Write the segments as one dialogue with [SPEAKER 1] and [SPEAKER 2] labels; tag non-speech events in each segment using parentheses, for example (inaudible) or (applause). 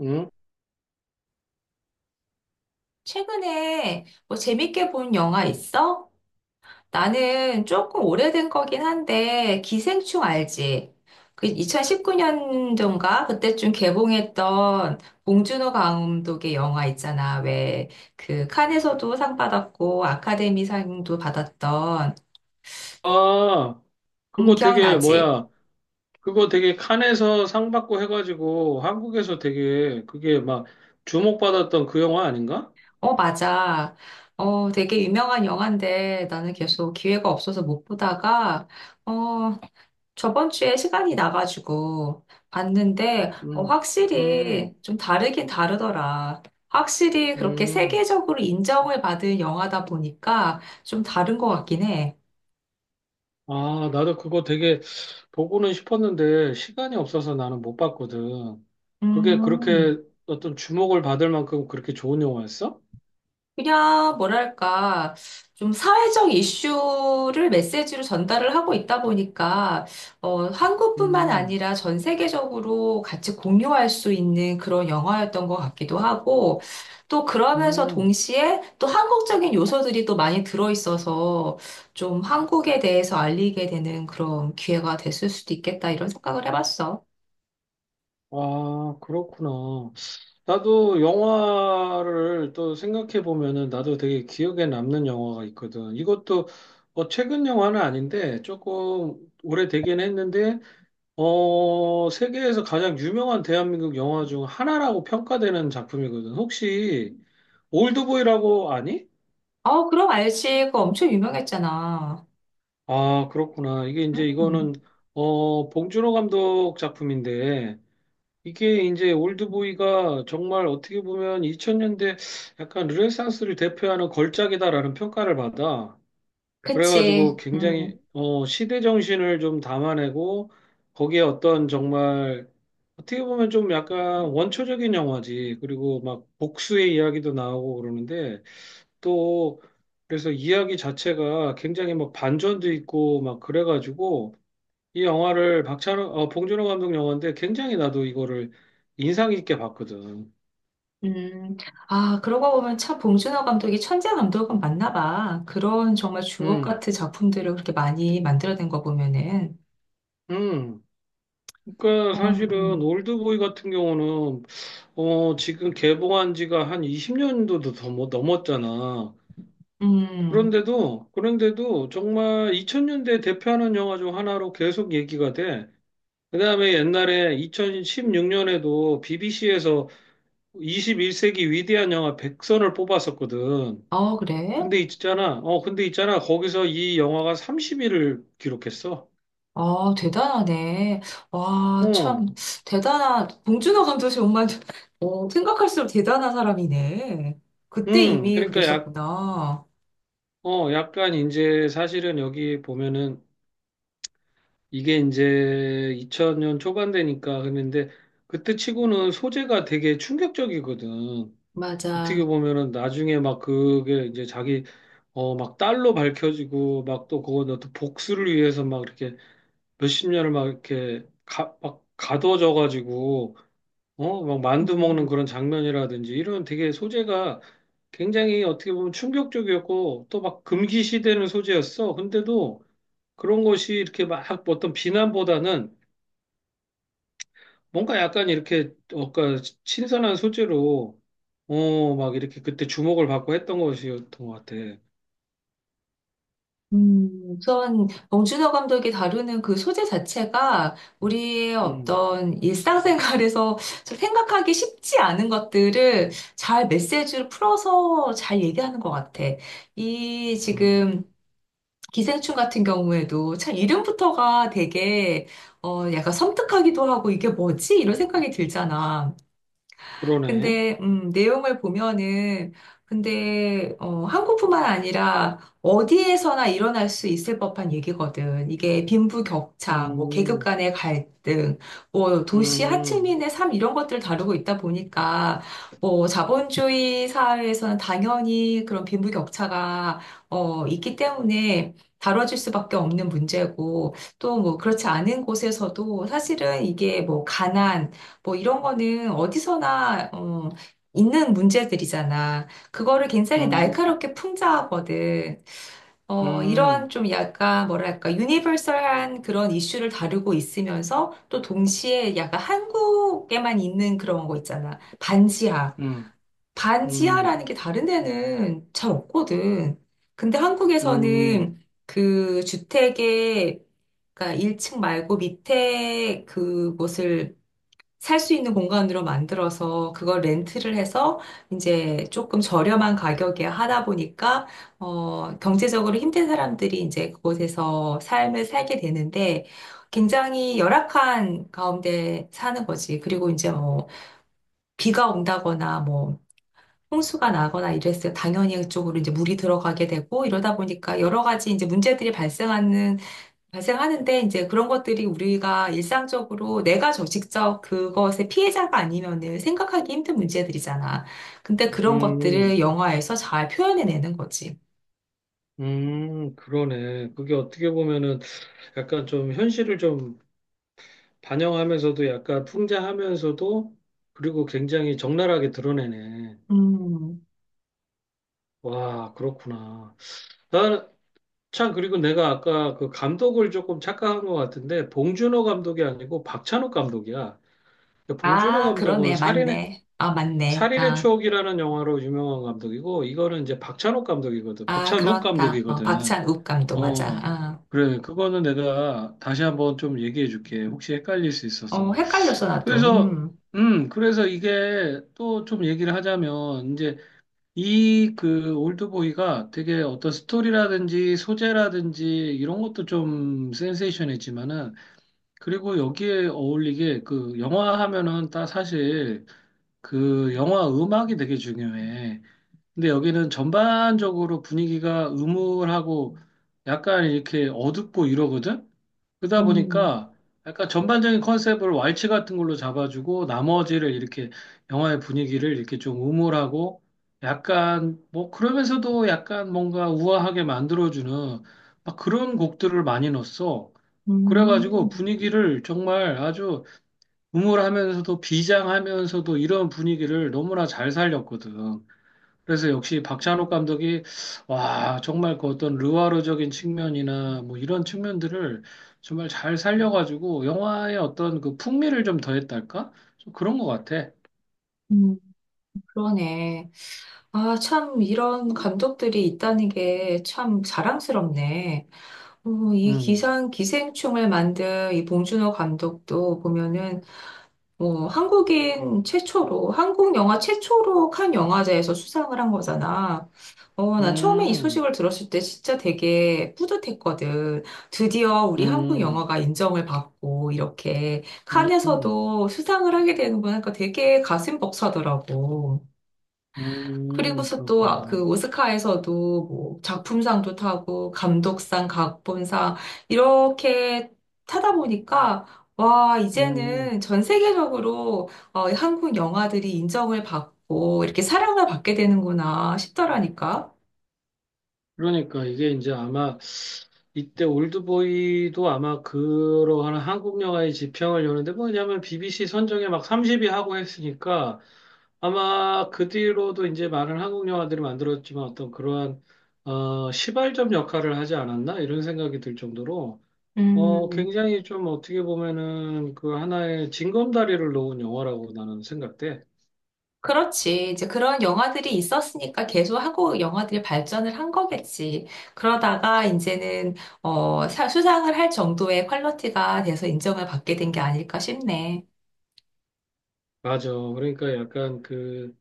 [SPEAKER 1] 응?
[SPEAKER 2] 최근에 뭐 재밌게 본 영화 있어? 나는 조금 오래된 거긴 한데, 기생충 알지? 그 2019년도인가? 그때쯤 개봉했던 봉준호 감독의 영화 있잖아. 왜, 그 칸에서도 상 받았고, 아카데미 상도 받았던,
[SPEAKER 1] 아, 그거 되게
[SPEAKER 2] 기억나지?
[SPEAKER 1] 뭐야? 그거 되게 칸에서 상 받고 해가지고 한국에서 되게 그게 막 주목받았던 그 영화 아닌가?
[SPEAKER 2] 어, 맞아. 어, 되게 유명한 영화인데, 나는 계속 기회가 없어서 못 보다가, 어, 저번 주에 시간이 나가지고 봤는데 어,
[SPEAKER 1] 음,
[SPEAKER 2] 확실히
[SPEAKER 1] 음,
[SPEAKER 2] 좀 다르긴 다르더라. 확실히 그렇게
[SPEAKER 1] 음.
[SPEAKER 2] 세계적으로 인정을 받은 영화다 보니까 좀 다른 것 같긴 해.
[SPEAKER 1] 아, 나도 그거 되게 보고는 싶었는데 시간이 없어서 나는 못 봤거든. 그게
[SPEAKER 2] 음.
[SPEAKER 1] 그렇게 어떤 주목을 받을 만큼 그렇게 좋은 영화였어?
[SPEAKER 2] 그냥 뭐랄까 좀 사회적 이슈를 메시지로 전달을 하고 있다 보니까 어, 한국뿐만
[SPEAKER 1] 음,
[SPEAKER 2] 아니라 전 세계적으로 같이 공유할 수 있는 그런 영화였던 것 같기도 하고 또 그러면서
[SPEAKER 1] 음.
[SPEAKER 2] 동시에 또 한국적인 요소들이 또 많이 들어있어서 좀 한국에 대해서 알리게 되는 그런 기회가 됐을 수도 있겠다 이런 생각을 해봤어.
[SPEAKER 1] 아, 그렇구나. 나도 영화를 또 생각해 보면은 나도 되게 기억에 남는 영화가 있거든. 이것도 최근 영화는 아닌데 조금 오래되긴 했는데 세계에서 가장 유명한 대한민국 영화 중 하나라고 평가되는 작품이거든. 혹시 올드보이라고 아니?
[SPEAKER 2] 어, 그럼 알지. 그거 엄청 유명했잖아.
[SPEAKER 1] 아, 그렇구나. 이게 이제 이거는
[SPEAKER 2] 음,
[SPEAKER 1] 봉준호 감독 작품인데 이게 이제 올드보이가 정말 어떻게 보면 2000년대 약간 르네상스를 대표하는 걸작이다라는 평가를 받아. 그래가지고
[SPEAKER 2] 그치. 음.
[SPEAKER 1] 굉장히 시대 정신을 좀 담아내고 거기에 어떤 정말 어떻게 보면 좀 약간 원초적인 영화지. 그리고 막 복수의 이야기도 나오고 그러는데 또 그래서 이야기 자체가 굉장히 막 반전도 있고 막 그래가지고 이 영화를 박찬호, 봉준호 감독 영화인데 굉장히 나도 이거를 인상 깊게 봤거든.
[SPEAKER 2] 음, 아, 그러고 보면 참 봉준호 감독이 천재 감독은 맞나 봐. 그런 정말 주옥
[SPEAKER 1] 음,
[SPEAKER 2] 같은 작품들을 그렇게 많이 만들어낸 거 보면은.
[SPEAKER 1] 음. 그러니까
[SPEAKER 2] 어,
[SPEAKER 1] 사실은 올드보이 같은 경우는 지금 개봉한 지가 한 20년도도 더 넘었잖아.
[SPEAKER 2] 음.
[SPEAKER 1] 그런데도 정말 2000년대 대표하는 영화 중 하나로 계속 얘기가 돼. 그다음에 옛날에 2016년에도 BBC에서 21세기 위대한 영화 100선을 뽑았었거든.
[SPEAKER 2] 어, 그래?
[SPEAKER 1] 근데 있잖아, 거기서 이 영화가 30위를 기록했어.
[SPEAKER 2] 어, 대단하네. 와, 참,
[SPEAKER 1] 어,
[SPEAKER 2] 대단한, 봉준호 감독이 정말, (laughs) 어, 생각할수록 대단한 사람이네. 그때 이미
[SPEAKER 1] 그러니까 약,
[SPEAKER 2] 그랬었구나.
[SPEAKER 1] 어, 약간 이제 사실은 여기 보면은 이게 이제 2000년 초반 되니까 그랬는데 그때 치고는 소재가 되게 충격적이거든. 어떻게
[SPEAKER 2] 맞아.
[SPEAKER 1] 보면은 나중에 막 그게 이제 자기, 막 딸로 밝혀지고 막 또 그거 또 복수를 위해서 막 이렇게 몇십 년을 막 이렇게 막 가둬져 가지고 막 만두 먹는
[SPEAKER 2] 음.
[SPEAKER 1] 그런 장면이라든지 이런 되게 소재가 굉장히 어떻게 보면 충격적이었고 또 막 금기시되는 소재였어. 근데도 그런 것이 이렇게 막 어떤 비난보다는 뭔가 약간 이렇게 뭔가 신선한 소재로 막 이렇게 그때 주목을 받고 했던 것이었던 것 같아.
[SPEAKER 2] 음, 우선 봉준호 감독이 다루는 그 소재 자체가 우리의
[SPEAKER 1] 음,
[SPEAKER 2] 어떤 일상생활에서 좀 생각하기 쉽지 않은 것들을 잘 메시지를 풀어서 잘 얘기하는 것 같아. 이
[SPEAKER 1] 음,
[SPEAKER 2] 지금 기생충 같은 경우에도 참 이름부터가 되게 어, 약간 섬뜩하기도 하고 이게 뭐지? 이런 생각이 들잖아.
[SPEAKER 1] 그러네.
[SPEAKER 2] 근데 내용을 보면은 근데 어, 한국뿐만 아니라 어디에서나 일어날 수 있을 법한 얘기거든. 이게 빈부격차, 뭐 계급
[SPEAKER 1] 음,
[SPEAKER 2] 간의 갈등, 뭐 도시
[SPEAKER 1] 음,
[SPEAKER 2] 하층민의 삶 이런 것들을 다루고 있다 보니까 뭐 자본주의 사회에서는 당연히 그런 빈부격차가 어, 있기 때문에 다뤄질 수밖에 없는 문제고 또 뭐 그렇지 않은 곳에서도 사실은 이게 뭐 가난 뭐 이런 거는 어디서나 어, 있는 문제들이잖아. 그거를 굉장히
[SPEAKER 1] 음,
[SPEAKER 2] 날카롭게 풍자하거든. 어, 이런
[SPEAKER 1] 음,
[SPEAKER 2] 좀 약간 뭐랄까 유니버설한 그런 이슈를 다루고 있으면서 또 동시에 약간 한국에만 있는 그런 거 있잖아. 반지하.
[SPEAKER 1] 음, 음,
[SPEAKER 2] 반지하라는 게 다른 데는 잘 없거든. 근데
[SPEAKER 1] 음,
[SPEAKER 2] 한국에서는 그 주택의 그러니까 1층 말고 밑에 그곳을 살 수 있는 공간으로 만들어서 그걸 렌트를 해서 이제 조금 저렴한 가격에 하다 보니까 어 경제적으로 힘든 사람들이 이제 그곳에서 삶을 살게 되는데 굉장히 열악한 가운데 사는 거지. 그리고 이제 뭐 비가 온다거나 뭐 홍수가 나거나 이랬을 때 당연히 그쪽으로 이제 물이 들어가게 되고 이러다 보니까 여러 가지 이제 문제들이 발생하는데 이제 그런 것들이 우리가 일상적으로 내가 저 직접 그것의 피해자가 아니면은 생각하기 힘든 문제들이잖아. 근데 그런
[SPEAKER 1] 음.
[SPEAKER 2] 것들을 영화에서 잘 표현해내는 거지.
[SPEAKER 1] 그러네. 그게 어떻게 보면은 약간 좀 현실을 좀 반영하면서도 약간 풍자하면서도 그리고 굉장히 적나라하게 드러내네.
[SPEAKER 2] 음.
[SPEAKER 1] 와, 그렇구나. 나는 참 그리고 내가 아까 그 감독을 조금 착각한 것 같은데 봉준호 감독이 아니고 박찬욱 감독이야. 봉준호
[SPEAKER 2] 아,
[SPEAKER 1] 감독은
[SPEAKER 2] 그러네.
[SPEAKER 1] 살인의
[SPEAKER 2] 맞네. 아, 맞네.
[SPEAKER 1] 살인의
[SPEAKER 2] 아,
[SPEAKER 1] 추억이라는 영화로 유명한 감독이고 이거는 이제 박찬욱 감독이거든.
[SPEAKER 2] 아,
[SPEAKER 1] 박찬욱
[SPEAKER 2] 그렇다. 어,
[SPEAKER 1] 감독이거든.
[SPEAKER 2] 박찬욱 감독 맞아.
[SPEAKER 1] 어,
[SPEAKER 2] 아,
[SPEAKER 1] 그래. 그거는 내가 다시 한번 좀 얘기해 줄게. 혹시 헷갈릴 수
[SPEAKER 2] 어,
[SPEAKER 1] 있어서.
[SPEAKER 2] 헷갈렸어, 나도.
[SPEAKER 1] 그래서,
[SPEAKER 2] 음.
[SPEAKER 1] 그래서 이게 또 좀 얘기를 하자면, 이제 이 그 올드보이가 되게 어떤 스토리라든지 소재라든지 이런 것도 좀 센세이션했지만은, 그리고 여기에 어울리게 그 영화 하면은 다 사실 그 영화 음악이 되게 중요해. 근데 여기는 전반적으로 분위기가 음울하고 약간 이렇게 어둡고 이러거든? 그러다
[SPEAKER 2] 음.
[SPEAKER 1] 보니까 약간 전반적인 컨셉을 왈츠 같은 걸로 잡아주고 나머지를 이렇게 영화의 분위기를 이렇게 좀 음울하고 약간 뭐 그러면서도 약간 뭔가 우아하게 만들어주는 막 그런 곡들을 많이 넣었어. 그래가지고
[SPEAKER 2] 음.
[SPEAKER 1] 분위기를 정말 아주 음울하면서도 비장하면서도 이런 분위기를 너무나 잘 살렸거든. 그래서 역시 박찬욱 감독이 와 정말 그 어떤 르와르적인 측면이나 뭐 이런 측면들을 정말 잘 살려가지고 영화의 어떤 그 풍미를 좀 더했달까? 좀 그런 것 같아.
[SPEAKER 2] 음. 그러네. 아, 참, 이런 감독들이 있다는 게 참 자랑스럽네. 어, 이
[SPEAKER 1] 음,
[SPEAKER 2] 기상 기생충을 만든 이 봉준호 감독도 보면은 뭐 한국인 최초로 한국 영화 최초로 칸 영화제에서 수상을 한 거잖아. 어, 나 처음에 이
[SPEAKER 1] 음,
[SPEAKER 2] 소식을 들었을 때 진짜 되게 뿌듯했거든. 드디어 우리 한국
[SPEAKER 1] 음,
[SPEAKER 2] 영화가 인정을 받고 이렇게
[SPEAKER 1] 음,
[SPEAKER 2] 칸에서도 수상을 하게 되는구나. 그러니까 되게 가슴 벅차더라고. 그리고서 또 아,
[SPEAKER 1] 그렇구나.
[SPEAKER 2] 그 오스카에서도 뭐 작품상도 타고 감독상, 각본상 이렇게 타다 보니까 와,
[SPEAKER 1] 음,
[SPEAKER 2] 이제는 전 세계적으로 어, 한국 영화들이 인정을 받고 이렇게 사랑을 받게 되는구나 싶더라니까.
[SPEAKER 1] 그러니까 이게 이제 아마 이때 올드보이도 아마 그러한 한국 영화의 지평을 여는데 뭐냐면 BBC 선정에 막 30위 하고 했으니까. 아마 그 뒤로도 이제 많은 한국 영화들이 만들었지만 어떤 그러한 시발점 역할을 하지 않았나 이런 생각이 들 정도로
[SPEAKER 2] 음,
[SPEAKER 1] 굉장히 좀 어떻게 보면은 그 하나의 징검다리를 놓은 영화라고 나는 생각돼.
[SPEAKER 2] 그렇지. 이제 그런 영화들이 있었으니까 계속 하고 영화들이 발전을 한 거겠지. 그러다가 이제는 어, 수상을 할 정도의 퀄리티가 돼서 인정을 받게 된 게 아닐까 싶네.
[SPEAKER 1] 맞아. 그러니까 약간 그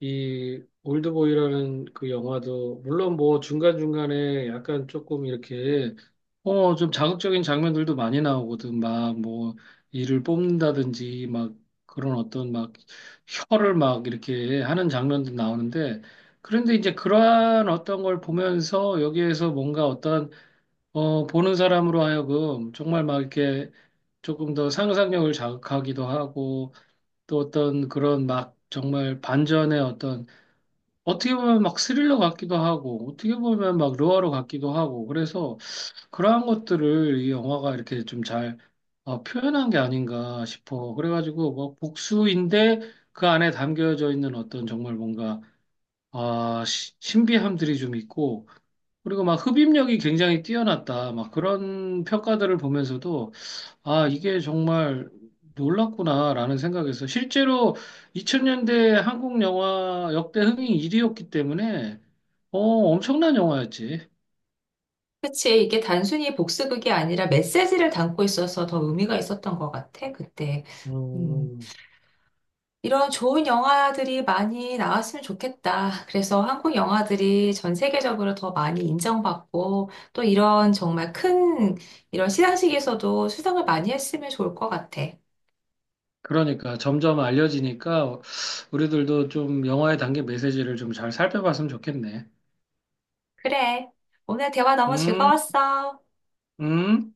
[SPEAKER 1] 이 올드보이라는 그 영화도 물론 뭐 중간중간에 약간 조금 이렇게 좀 자극적인 장면들도 많이 나오거든 막 뭐 이를 뽑는다든지 막 그런 어떤 막 혀를 막 이렇게 하는 장면도 나오는데 그런데 이제 그러한 어떤 걸 보면서 여기에서 뭔가 어떤 보는 사람으로 하여금 정말 막 이렇게 조금 더 상상력을 자극하기도 하고 또 어떤 그런 막 정말 반전의 어떤 어떻게 보면 막 스릴러 같기도 하고, 어떻게 보면 막 루어로 같기도 하고, 그래서 그러한 것들을 이 영화가 이렇게 좀잘 표현한 게 아닌가 싶어. 그래가지고 뭐 복수인데 그 안에 담겨져 있는 어떤 정말 뭔가 아, 신비함들이 좀 있고, 그리고 막 흡입력이 굉장히 뛰어났다. 막 그런 평가들을 보면서도 아, 이게 정말 놀랐구나라는 생각에서 실제로 2000년대 한국 영화 역대 흥행 1위였기 때문에 엄청난 영화였지.
[SPEAKER 2] 그치. 이게 단순히 복수극이 아니라 메시지를 담고 있어서 더 의미가 있었던 것 같아, 그때. 음,
[SPEAKER 1] 음,
[SPEAKER 2] 이런 좋은 영화들이 많이 나왔으면 좋겠다. 그래서 한국 영화들이 전 세계적으로 더 많이 인정받고 또 이런 정말 큰 이런 시상식에서도 수상을 많이 했으면 좋을 것 같아.
[SPEAKER 1] 그러니까 점점 알려지니까 우리들도 좀 영화에 담긴 메시지를 좀 잘 살펴봤으면 좋겠네.
[SPEAKER 2] 그래. 오늘 대화 너무
[SPEAKER 1] 음,
[SPEAKER 2] 즐거웠어.
[SPEAKER 1] 음.